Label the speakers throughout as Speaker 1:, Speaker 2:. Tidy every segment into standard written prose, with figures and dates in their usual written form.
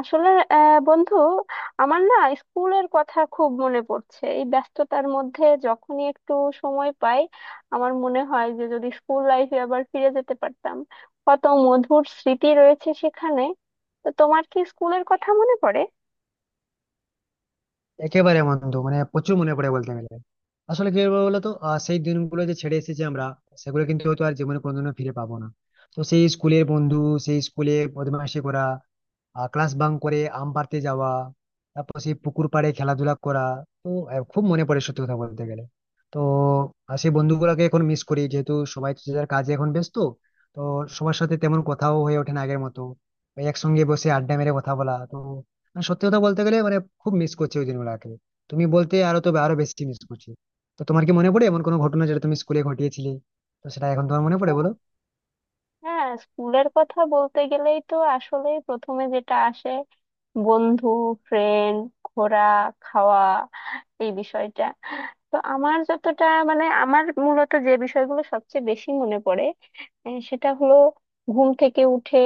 Speaker 1: আসলে, বন্ধু, আমার না স্কুলের কথা খুব মনে পড়ছে এই ব্যস্ততার মধ্যে। যখনই একটু সময় পাই আমার মনে হয় যে যদি স্কুল লাইফে আবার ফিরে যেতে পারতাম। কত মধুর স্মৃতি রয়েছে সেখানে। তো তোমার কি স্কুলের কথা মনে পড়ে?
Speaker 2: একেবারে বন্ধু, মানে প্রচুর মনে পড়ে বলতে গেলে। আসলে কি বলবো বলতো, সেই দিনগুলো যে ছেড়ে এসেছি আমরা, সেগুলো কিন্তু হয়তো আর জীবনে কোনোদিনও ফিরে পাবো না। তো সেই স্কুলের বন্ধু, সেই স্কুলে বদমাইশি করা, ক্লাস বাঙ্ক করে আম পাড়তে যাওয়া, তারপর সেই পুকুর পাড়ে খেলাধুলা করা। তো খুব মনে পড়ে সত্যি কথা বলতে গেলে। তো সেই বন্ধুগুলোকে এখন মিস করি, যেহেতু সবাই যে যার কাজে এখন ব্যস্ত। তো সবার সাথে তেমন কথাও হয়ে ওঠে না আগের মতো। ওই একসঙ্গে বসে আড্ডা মেরে কথা বলা, তো মানে সত্যি কথা বলতে গেলে, মানে খুব মিস করছি ওই দিনগুলোকে। তুমি বলতে আরো, তো আরো বেশি মিস করছি। তো তোমার কি মনে পড়ে এমন কোনো ঘটনা যেটা তুমি স্কুলে ঘটিয়েছিলে? তো সেটা এখন তোমার মনে পড়ে বলো।
Speaker 1: হ্যাঁ, স্কুলের কথা বলতে গেলেই তো আসলে প্রথমে যেটা আসে বন্ধু, ফ্রেন্ড, ঘোরা, খাওয়া, এই বিষয়টা। তো আমার যতটা, মানে আমার মূলত যে বিষয়গুলো সবচেয়ে বেশি মনে পড়ে, সেটা হলো ঘুম থেকে উঠে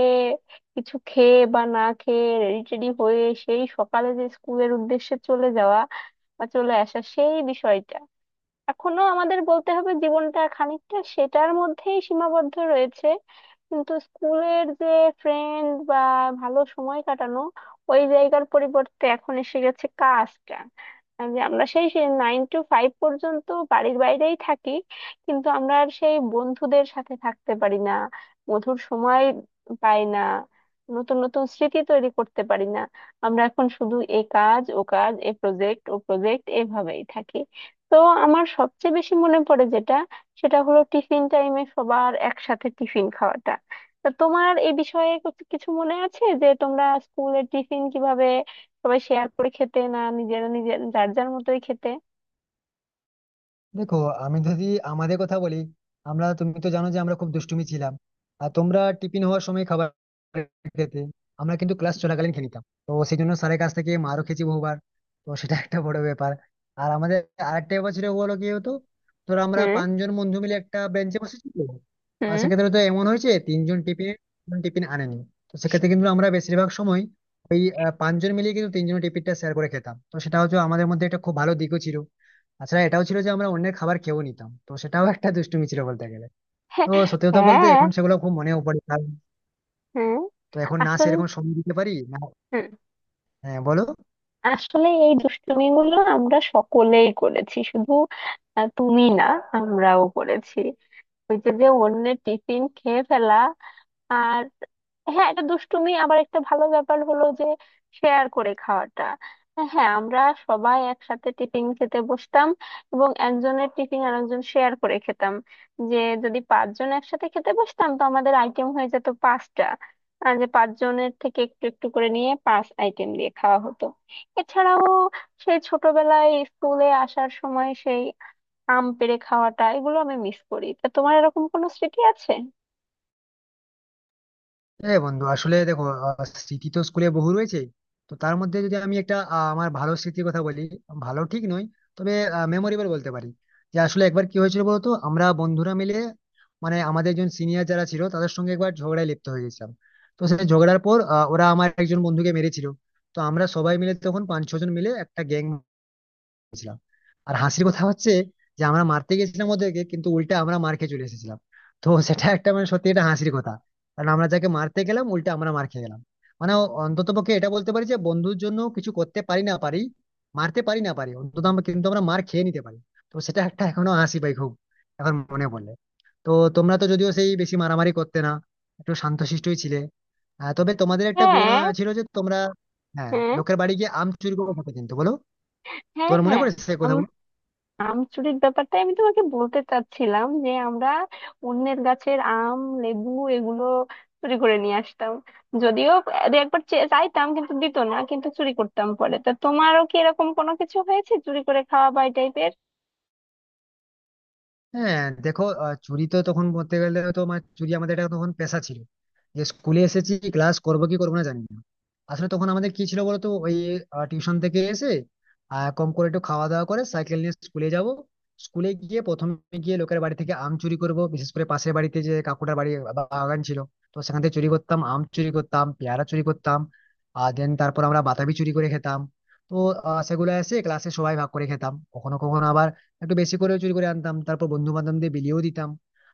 Speaker 1: কিছু খেয়ে বা না খেয়ে রেডি টেডি হয়ে সেই সকালে যে স্কুলের উদ্দেশ্যে চলে যাওয়া বা চলে আসা সেই বিষয়টা। এখনো আমাদের বলতে হবে জীবনটা খানিকটা সেটার মধ্যেই সীমাবদ্ধ রয়েছে। কিন্তু স্কুলের যে ফ্রেন্ড বা ভালো সময় কাটানো ওই জায়গার পরিবর্তে এখন এসে গেছে কাজটা। যে আমরা সেই নাইন টু ফাইভ পর্যন্ত বাড়ির বাইরেই থাকি, কিন্তু আমরা আর সেই বন্ধুদের সাথে থাকতে পারি না। মধুর সময় পাই না, নতুন নতুন স্মৃতি তৈরি করতে পারি না। আমরা এখন শুধু এ কাজ ও কাজ, এ প্রজেক্ট ও প্রজেক্ট এভাবেই থাকি। তো আমার সবচেয়ে বেশি মনে পড়ে যেটা সেটা হলো টিফিন টাইমে সবার একসাথে টিফিন খাওয়াটা। তা তোমার এই বিষয়ে কিছু কিছু মনে আছে যে তোমরা স্কুলের টিফিন কিভাবে সবাই শেয়ার করে খেতে, না নিজেরা নিজের যার যার মতোই খেতে?
Speaker 2: দেখো, আমি যদি আমাদের কথা বলি, আমরা, তুমি তো জানো যে আমরা খুব দুষ্টুমি ছিলাম। আর তোমরা টিফিন হওয়ার সময় খাবার খেতে, আমরা কিন্তু ক্লাস চলাকালীন খেয়ে নিতাম, তো সেই জন্য স্যারের কাছ থেকে মারও খেয়েছি বহুবার। তো সেটা একটা বড় ব্যাপার। আর আমাদের আরেকটা ব্যাপার ছিল, বলো কি হতো। ধরো আমরা
Speaker 1: হুম।
Speaker 2: পাঁচজন বন্ধু মিলে একটা বেঞ্চে বসেছি, তো আর
Speaker 1: হুম।
Speaker 2: সেক্ষেত্রে তো এমন হয়েছে তিনজন টিফিন টিফিন আনেনি। তো সেক্ষেত্রে কিন্তু আমরা বেশিরভাগ সময় ওই পাঁচজন মিলিয়ে কিন্তু তিনজন টিফিনটা শেয়ার করে খেতাম। তো সেটা হচ্ছে আমাদের মধ্যে একটা খুব ভালো দিকও ছিল। তাছাড়া এটাও ছিল যে আমরা অন্যের খাবার খেয়েও নিতাম, তো সেটাও একটা দুষ্টুমি ছিল বলতে গেলে। তো
Speaker 1: হ্যাঁ।
Speaker 2: সত্যি কথা বলতে
Speaker 1: হ্যাঁ।
Speaker 2: এখন সেগুলো খুব মনেও পড়ে, কারণ
Speaker 1: হুম।
Speaker 2: তো এখন না
Speaker 1: আসলে।
Speaker 2: সেরকম সময় দিতে পারি না।
Speaker 1: হুম।
Speaker 2: হ্যাঁ বলো।
Speaker 1: আসলে এই দুষ্টুমিগুলো আমরা সকলেই করেছি, শুধু তুমি না, আমরাও করেছি। ওই যে যে অন্যের টিফিন খেয়ে ফেলা। আর, হ্যাঁ, এটা দুষ্টুমি, আবার একটা ভালো ব্যাপার হলো যে শেয়ার করে খাওয়াটা। হ্যাঁ, আমরা সবাই একসাথে টিফিন খেতে বসতাম এবং একজনের টিফিন আরেকজন শেয়ার করে খেতাম। যে যদি পাঁচজন একসাথে খেতে বসতাম তো আমাদের আইটেম হয়ে যেত পাঁচটা। আর যে পাঁচজনের থেকে একটু একটু করে নিয়ে পাঁচ আইটেম দিয়ে খাওয়া হতো। এছাড়াও সেই ছোটবেলায় স্কুলে আসার সময় সেই আম পেড়ে খাওয়াটা, এগুলো আমি মিস করি। তা তোমার এরকম কোনো স্মৃতি আছে?
Speaker 2: হ্যাঁ বন্ধু, আসলে দেখো, স্মৃতি তো স্কুলে বহু রয়েছে। তো তার মধ্যে যদি আমি একটা আমার ভালো স্মৃতির কথা বলি, ভালো ঠিক নয়, তবে মেমোরেবল বলতে পারি। যে আসলে একবার কি হয়েছিল বলতো, আমরা বন্ধুরা মিলে, মানে আমাদের একজন সিনিয়র যারা ছিল তাদের সঙ্গে একবার ঝগড়ায় লিপ্ত হয়ে গেছিলাম। তো সেই ঝগড়ার পর ওরা আমার একজন বন্ধুকে মেরেছিল। তো আমরা সবাই মিলে তখন পাঁচ ছজন মিলে একটা গ্যাং। আর হাসির কথা হচ্ছে যে আমরা মারতে গেছিলাম ওদেরকে, কিন্তু উল্টা আমরা মার খেয়ে চলে এসেছিলাম। তো সেটা একটা, মানে সত্যি এটা হাসির কথা, কারণ আমরা যাকে মারতে গেলাম উল্টা আমরা মার খেয়ে গেলাম। মানে অন্তত পক্ষে এটা বলতে পারি যে বন্ধুর জন্য কিছু করতে পারি না পারি, মারতে পারি না পারি, অন্তত আমরা কিন্তু আমরা মার খেয়ে নিতে পারি। তো সেটা একটা এখনো হাসি পাই খুব এখন মনে পড়লে। তো তোমরা তো যদিও সেই বেশি মারামারি করতে না, একটু শান্তশিষ্টই ছিলে। তবে তোমাদের একটা গুণ
Speaker 1: হ্যাঁ।
Speaker 2: ছিল যে তোমরা, হ্যাঁ,
Speaker 1: হ্যাঁ।
Speaker 2: লোকের বাড়ি গিয়ে আম চুরি করে খেতে, কিন্তু বলো,
Speaker 1: হ্যাঁ।
Speaker 2: তোমার মনে
Speaker 1: হ্যাঁ।
Speaker 2: পড়ে সে কথা?
Speaker 1: আম, আম চুরির ব্যাপারটা আমি তোমাকে বলতে চাচ্ছিলাম যে আমরা অন্যের গাছের আম, লেবু, এগুলো চুরি করে নিয়ে আসতাম। যদিও দু একবার চাইতাম কিন্তু দিত না, কিন্তু চুরি করতাম পরে। তা তোমারও কি এরকম কোনো কিছু হয়েছে, চুরি করে খাওয়া বা এই টাইপের?
Speaker 2: হ্যাঁ দেখো, চুরি তো তখন বলতে গেলে, তো মানে চুরি আমাদের এটা তখন পেশা ছিল। যে স্কুলে এসেছি ক্লাস করবো কি করবো না জানি না। আসলে তখন আমাদের কি ছিল বলতো, ওই টিউশন থেকে এসে কম করে একটু খাওয়া দাওয়া করে সাইকেল নিয়ে স্কুলে যাব, স্কুলে গিয়ে প্রথমে গিয়ে লোকের বাড়ি থেকে আম চুরি করব, বিশেষ করে পাশের বাড়িতে যে কাকুটার বাড়ি, বাগান ছিল। তো সেখান থেকে চুরি করতাম, আম চুরি করতাম, পেয়ারা চুরি করতাম, আর দেন তারপর আমরা বাতাবি চুরি করে খেতাম। তো সেগুলো এসে ক্লাসে সবাই ভাগ করে খেতাম, কখনো কখনো আবার একটু বেশি করে চুরি করে আনতাম তারপর বন্ধু বান্ধবদের বিলিয়েও দিতাম।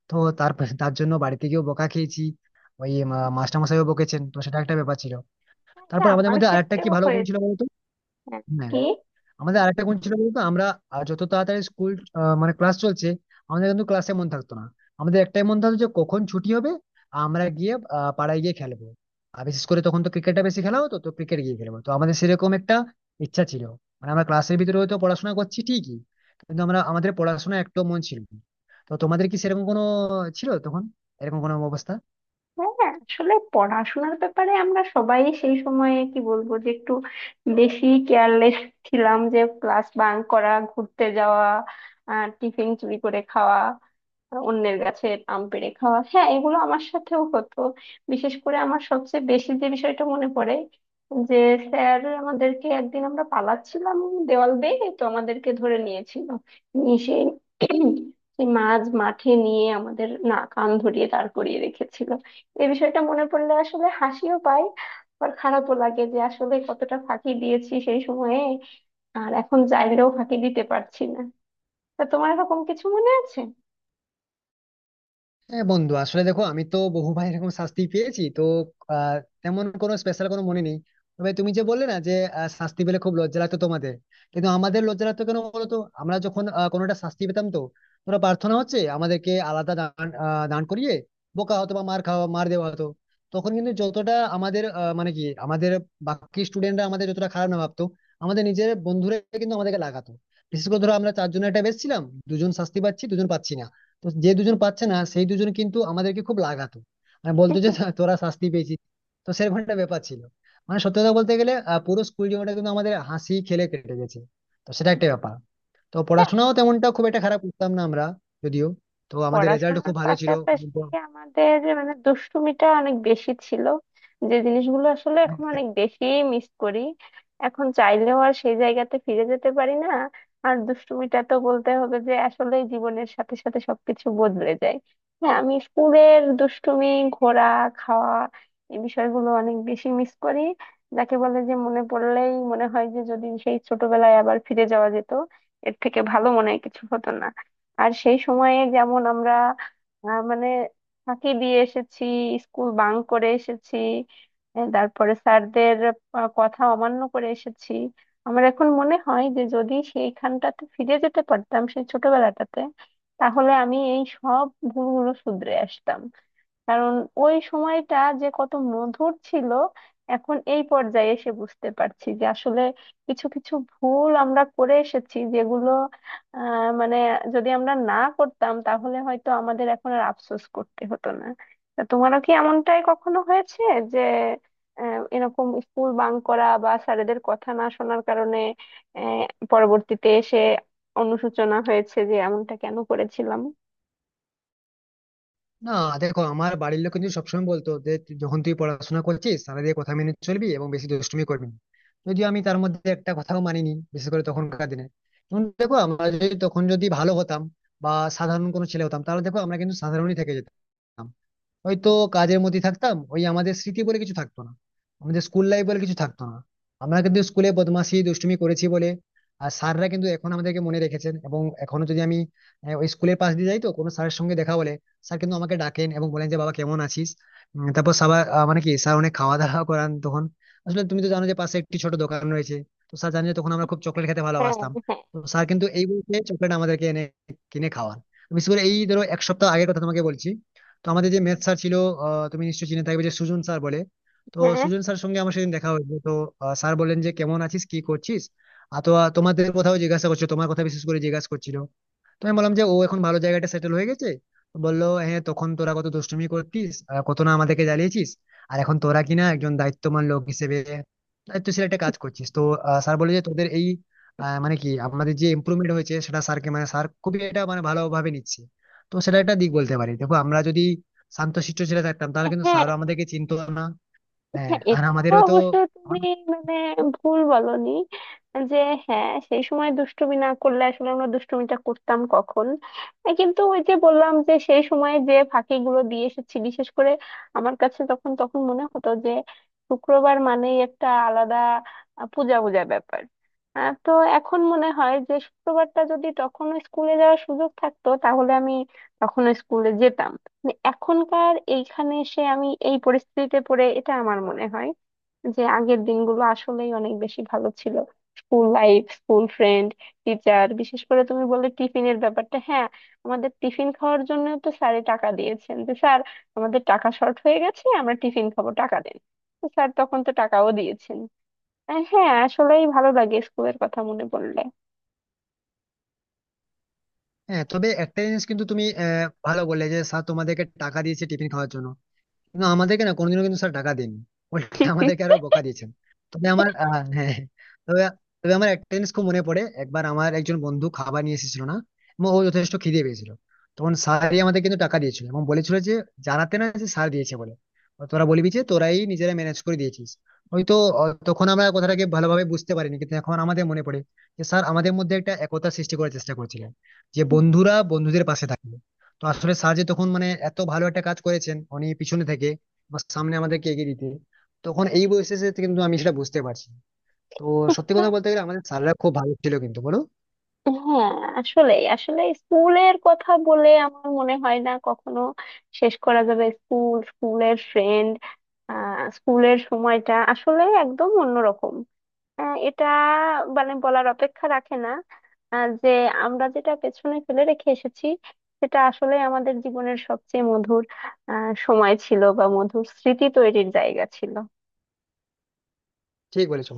Speaker 2: তো তার তার জন্য বাড়ি থেকেও বকা খেয়েছি, ওই মাস্টার মশাইও বকেছেন, তো সেটা একটা ব্যাপার ছিল। তারপর আমাদের
Speaker 1: আমার
Speaker 2: মধ্যে আরেকটা কি
Speaker 1: ক্ষেত্রেও
Speaker 2: ভালো গুণ ছিল
Speaker 1: হয়েছে।
Speaker 2: বলতো,
Speaker 1: হ্যাঁ।
Speaker 2: হ্যাঁ,
Speaker 1: কি?
Speaker 2: আমাদের আরেকটা কোন ছিল বলতো, আমরা যত তাড়াতাড়ি স্কুল, মানে ক্লাস চলছে, আমাদের কিন্তু ক্লাসে মন থাকতো না। আমাদের একটাই মন থাকতো যে কখন ছুটি হবে আর আমরা গিয়ে পাড়ায় গিয়ে খেলবো। আর বিশেষ করে তখন তো ক্রিকেটটা বেশি খেলা হতো, তো ক্রিকেট গিয়ে খেলবো, তো আমাদের সেরকম একটা ইচ্ছা ছিল। মানে আমরা ক্লাসের ভিতরে হয়তো পড়াশোনা করছি ঠিকই, কিন্তু আমরা আমাদের পড়াশোনা একটু মন ছিল না। তো তোমাদের কি সেরকম কোনো ছিল তখন, এরকম কোনো অবস্থা?
Speaker 1: হ্যাঁ, আসলে পড়াশোনার ব্যাপারে আমরা সবাই সেই সময়ে কি বলবো যে একটু বেশি কেয়ারলেস ছিলাম। যে ক্লাস বাঙ্ক করা, ঘুরতে যাওয়া, টিফিন চুরি করে খাওয়া, অন্যের গাছের আম পেড়ে খাওয়া, হ্যাঁ, এগুলো আমার সাথেও হতো। বিশেষ করে আমার সবচেয়ে বেশি যে বিষয়টা মনে পড়ে যে, স্যার আমাদেরকে একদিন, আমরা পালাচ্ছিলাম দেওয়াল বেয়ে, তো আমাদেরকে ধরে নিয়েছিল। নিয়ে সেই সেই মাঝ মাঠে নিয়ে আমাদের না কান ধরিয়ে দাঁড় করিয়ে রেখেছিল। এই বিষয়টা মনে পড়লে আসলে হাসিও পায় আর খারাপও লাগে যে আসলে কতটা ফাঁকি দিয়েছি সেই সময়ে। আর এখন চাইলেও ফাঁকি দিতে পারছি না। তা তোমার এরকম কিছু মনে আছে?
Speaker 2: হ্যাঁ বন্ধু, আসলে দেখো, আমি তো বহু ভাই এরকম শাস্তি পেয়েছি, তো আহ, তেমন কোনো স্পেশাল কোনো মনে নেই। তবে তুমি যে বললে না যে শাস্তি পেলে খুব লজ্জা লাগতো তোমাদের, কিন্তু আমাদের লজ্জা লাগতো কেন বলতো, আমরা যখন কোনোটা শাস্তি পেতাম, তো তোমরা প্রার্থনা হচ্ছে আমাদেরকে আলাদা দান দান করিয়ে বোকা হতো বা মার খাওয়া মার দেওয়া হতো। তখন কিন্তু যতটা আমাদের মানে কি, আমাদের বাকি স্টুডেন্টরা আমাদের যতটা খারাপ না ভাবতো, আমাদের নিজের বন্ধুরা কিন্তু আমাদেরকে লাগাতো। বিশেষ করে ধরো আমরা চারজনের একটা বেশ ছিলাম, দুজন শাস্তি পাচ্ছি দুজন পাচ্ছি না, তো যে দুজন পাচ্ছে না সেই দুজন কিন্তু আমাদেরকে খুব লাগাতো। মানে বলতো যে "না, তোরা শাস্তি পেয়েছিস।" তো সেরকম একটা ব্যাপার ছিল। মানে সত্যি কথা বলতে গেলে পুরো স্কুল জীবনটা কিন্তু আমাদের হাসি খেলে কেটে গেছে। তো সেটা একটা ব্যাপার। তো পড়াশোনাও তেমনটা খুব একটা খারাপ করতাম না আমরা, যদিও। তো আমাদের রেজাল্ট
Speaker 1: পড়াশোনার
Speaker 2: খুব ভালো ছিল।
Speaker 1: পাশাপাশি আমাদের মানে দুষ্টুমিটা অনেক বেশি ছিল। যে জিনিসগুলো আসলে এখন অনেক বেশি মিস করি, এখন চাইলেও আর সেই জায়গাতে ফিরে যেতে পারি না। আর দুষ্টুমিটা তো বলতে হবে যে আসলে জীবনের সাথে সাথে সবকিছু বদলে যায়। হ্যাঁ, আমি স্কুলের দুষ্টুমি, ঘোরা, খাওয়া, এই বিষয়গুলো অনেক বেশি মিস করি। যাকে বলে যে মনে পড়লেই মনে হয় যে যদি সেই ছোটবেলায় আবার ফিরে যাওয়া যেত এর থেকে ভালো মনে হয় কিছু হতো না। আর সেই সময়ে যেমন আমরা মানে ফাঁকি দিয়ে এসেছি, স্কুল বাঙ্ক করে এসেছি, তারপরে স্যারদের কথা অমান্য করে এসেছি। আমার এখন মনে হয় যে যদি সেইখানটাতে ফিরে যেতে পারতাম সেই ছোটবেলাটাতে তাহলে আমি এই সব ভুলগুলো শুধরে আসতাম। কারণ ওই সময়টা যে কত মধুর ছিল এখন এই পর্যায়ে এসে বুঝতে পারছি যে আসলে কিছু কিছু ভুল আমরা করে এসেছি যেগুলো, মানে, যদি আমরা না করতাম তাহলে হয়তো আমাদের এখন আর আফসোস করতে হতো না। তা তোমারও কি এমনটাই কখনো হয়েছে যে এরকম স্কুল বাঙ্ক করা বা স্যারেদের কথা না শোনার কারণে আহ, পরবর্তীতে এসে অনুশোচনা হয়েছে যে এমনটা কেন করেছিলাম?
Speaker 2: না দেখো, আমার বাড়ির লোক কিন্তু সবসময় বলতো যে যখন তুই পড়াশোনা করছিস তাহলে দিয়ে কথা মেনে চলবি এবং বেশি দুষ্টুমি করবি না। যদিও আমি তার মধ্যে একটা কথাও মানিনি, বিশেষ করে তখনকার দিনে। এবং দেখো আমরা যদি তখন যদি ভালো হতাম বা সাধারণ কোনো ছেলে হতাম, তাহলে দেখো আমরা কিন্তু সাধারণই থেকে যেতাম, ওই তো কাজের মধ্যে থাকতাম, ওই আমাদের স্মৃতি বলে কিছু থাকতো না, আমাদের স্কুল লাইফ বলে কিছু থাকতো না। আমরা কিন্তু স্কুলে বদমাশি দুষ্টুমি করেছি বলে আর স্যাররা কিন্তু এখন আমাদেরকে মনে রেখেছেন। এবং এখনো যদি আমি ওই স্কুলের পাশ দিয়ে যাই, তো কোনো স্যারের সঙ্গে দেখা হলে স্যার কিন্তু আমাকে ডাকেন এবং বলেন যে বাবা কেমন আছিস। তারপর সবার মানে কি, স্যার অনেক খাওয়া দাওয়া করান তখন। আসলে তুমি তো জানো যে পাশে একটি ছোট দোকান রয়েছে, তো স্যার জানে যে তখন আমরা খুব চকলেট খেতে ভালোবাসতাম।
Speaker 1: হ্যাঁ।
Speaker 2: তো স্যার কিন্তু এই বলতে চকলেট আমাদেরকে এনে কিনে খাওয়ান। বিশেষ করে এই ধরো এক সপ্তাহ আগের কথা তোমাকে বলছি, তো আমাদের যে ম্যাথ স্যার ছিল, তুমি নিশ্চয়ই চিনে থাকবে যে সুজন স্যার বলে। তো
Speaker 1: হ্যাঁ।
Speaker 2: সুজন স্যার সঙ্গে আমার সেদিন দেখা হয়েছে, তো স্যার বললেন যে কেমন আছিস কি করছিস। আর তো তোমাদের কথাও জিজ্ঞাসা করছিল, তোমার কথা বিশেষ করে জিজ্ঞাসা করছিল। তো আমি বললাম যে ও এখন ভালো জায়গাটা সেটেল হয়ে গেছে। তো বললো হ্যাঁ, তখন তোরা কত দুষ্টুমি করতিস, কত না আমাদেরকে জ্বালিয়েছিস, আর এখন তোরা কিনা একজন দায়িত্বমান লোক হিসেবে দায়িত্বশীল একটা কাজ করছিস। তো স্যার বলে যে তোদের এই মানে কি, আমাদের যে ইমপ্রুভমেন্ট হয়েছে সেটা স্যারকে, মানে স্যার খুবই এটা মানে ভালোভাবে নিচ্ছে। তো সেটা একটা দিক বলতে পারি, দেখো আমরা যদি শান্তশিষ্ট ছেলে থাকতাম তাহলে
Speaker 1: হ্যাঁ।
Speaker 2: কিন্তু
Speaker 1: হ্যাঁ।
Speaker 2: স্যারও আমাদেরকে চিনতো না। হ্যাঁ,
Speaker 1: হ্যাঁ,
Speaker 2: আর
Speaker 1: এটা
Speaker 2: আমাদের হয়তো
Speaker 1: অবশ্য তুমি, মানে, ভুল বলনি। যে, হ্যাঁ, সেই সময় দুষ্টুমি না করলে আসলে আমরা দুষ্টুমিটা করতাম কখন? কিন্তু ওই যে বললাম যে সেই সময় যে ফাঁকিগুলো দিয়ে এসেছি, বিশেষ করে আমার কাছে তখন তখন মনে হতো যে শুক্রবার মানেই একটা আলাদা পূজা পূজা ব্যাপার। তো এখন মনে হয় যে শুক্রবারটা যদি তখন স্কুলে যাওয়ার সুযোগ থাকতো তাহলে আমি তখন স্কুলে যেতাম। মানে এখনকার এইখানে এসে আমি এই পরিস্থিতিতে পড়ে এটা আমার মনে হয় যে আগের দিনগুলো আসলেই অনেক বেশি ভালো ছিল। School life, school friend, teacher, বিশেষ করে তুমি বললে টিফিনের ব্যাপারটা, হ্যাঁ, আমাদের টিফিন খাওয়ার জন্য তো স্যারে টাকা দিয়েছেন যে, স্যার, আমাদের টাকা শর্ট হয়ে গেছে, আমরা টিফিন খাবো, টাকা দেন। তো স্যার তখন তো টাকাও দিয়েছেন। হ্যাঁ, আসলেই ভালো লাগে স্কুলের কথা মনে পড়লে।
Speaker 2: হ্যাঁ। তবে একটা জিনিস কিন্তু তুমি ভালো বললে যে স্যার তোমাদেরকে টাকা দিয়েছে টিফিন খাওয়ার জন্য, কিন্তু আমাদেরকে না কোনোদিনও কিন্তু স্যার টাকা দেননি, উল্টে আমাদেরকে আরো বকা দিয়েছেন। তবে আমার হ্যাঁ হ্যাঁ। তবে তবে আমার একটা জিনিস খুব মনে পড়ে, একবার আমার একজন বন্ধু খাবার নিয়ে এসেছিল না, এবং ও যথেষ্ট খিদে পেয়েছিল। তখন স্যারই আমাদের কিন্তু টাকা দিয়েছিল এবং বলেছিল যে জানাতে না যে স্যার দিয়েছে বলে, তোরা বলবি যে তোরাই নিজেরা ম্যানেজ করে দিয়েছিস। হয়তো তখন আমরা কথাটাকে ভালোভাবে বুঝতে পারিনি, কিন্তু এখন আমাদের মনে পড়ে যে স্যার আমাদের মধ্যে একটা একতা সৃষ্টি করার চেষ্টা করেছিলেন, যে বন্ধুরা বন্ধুদের পাশে থাকে। তো আসলে সার্জি তখন মানে এত ভালো একটা কাজ করেছেন উনি পিছনে থেকে বা সামনে আমাদেরকে এগিয়ে দিতে। তখন এই বয়সে এসে কিন্তু আমি সেটা বুঝতে পারছি। তো সত্যি কথা বলতে গেলে আমাদের স্যাররা খুব ভালো ছিল কিন্তু, বলো।
Speaker 1: হ্যাঁ, আসলে আসলে স্কুলের কথা বলে আমার মনে হয় না কখনো শেষ করা যাবে। স্কুল, স্কুলের ফ্রেন্ড, স্কুলের সময়টা আসলে একদম অন্যরকম। এটা মানে বলার অপেক্ষা রাখে না যে আমরা যেটা পেছনে ফেলে রেখে এসেছি সেটা আসলে আমাদের জীবনের সবচেয়ে মধুর সময় ছিল বা মধুর স্মৃতি তৈরির জায়গা ছিল।
Speaker 2: ঠিক বলেছো।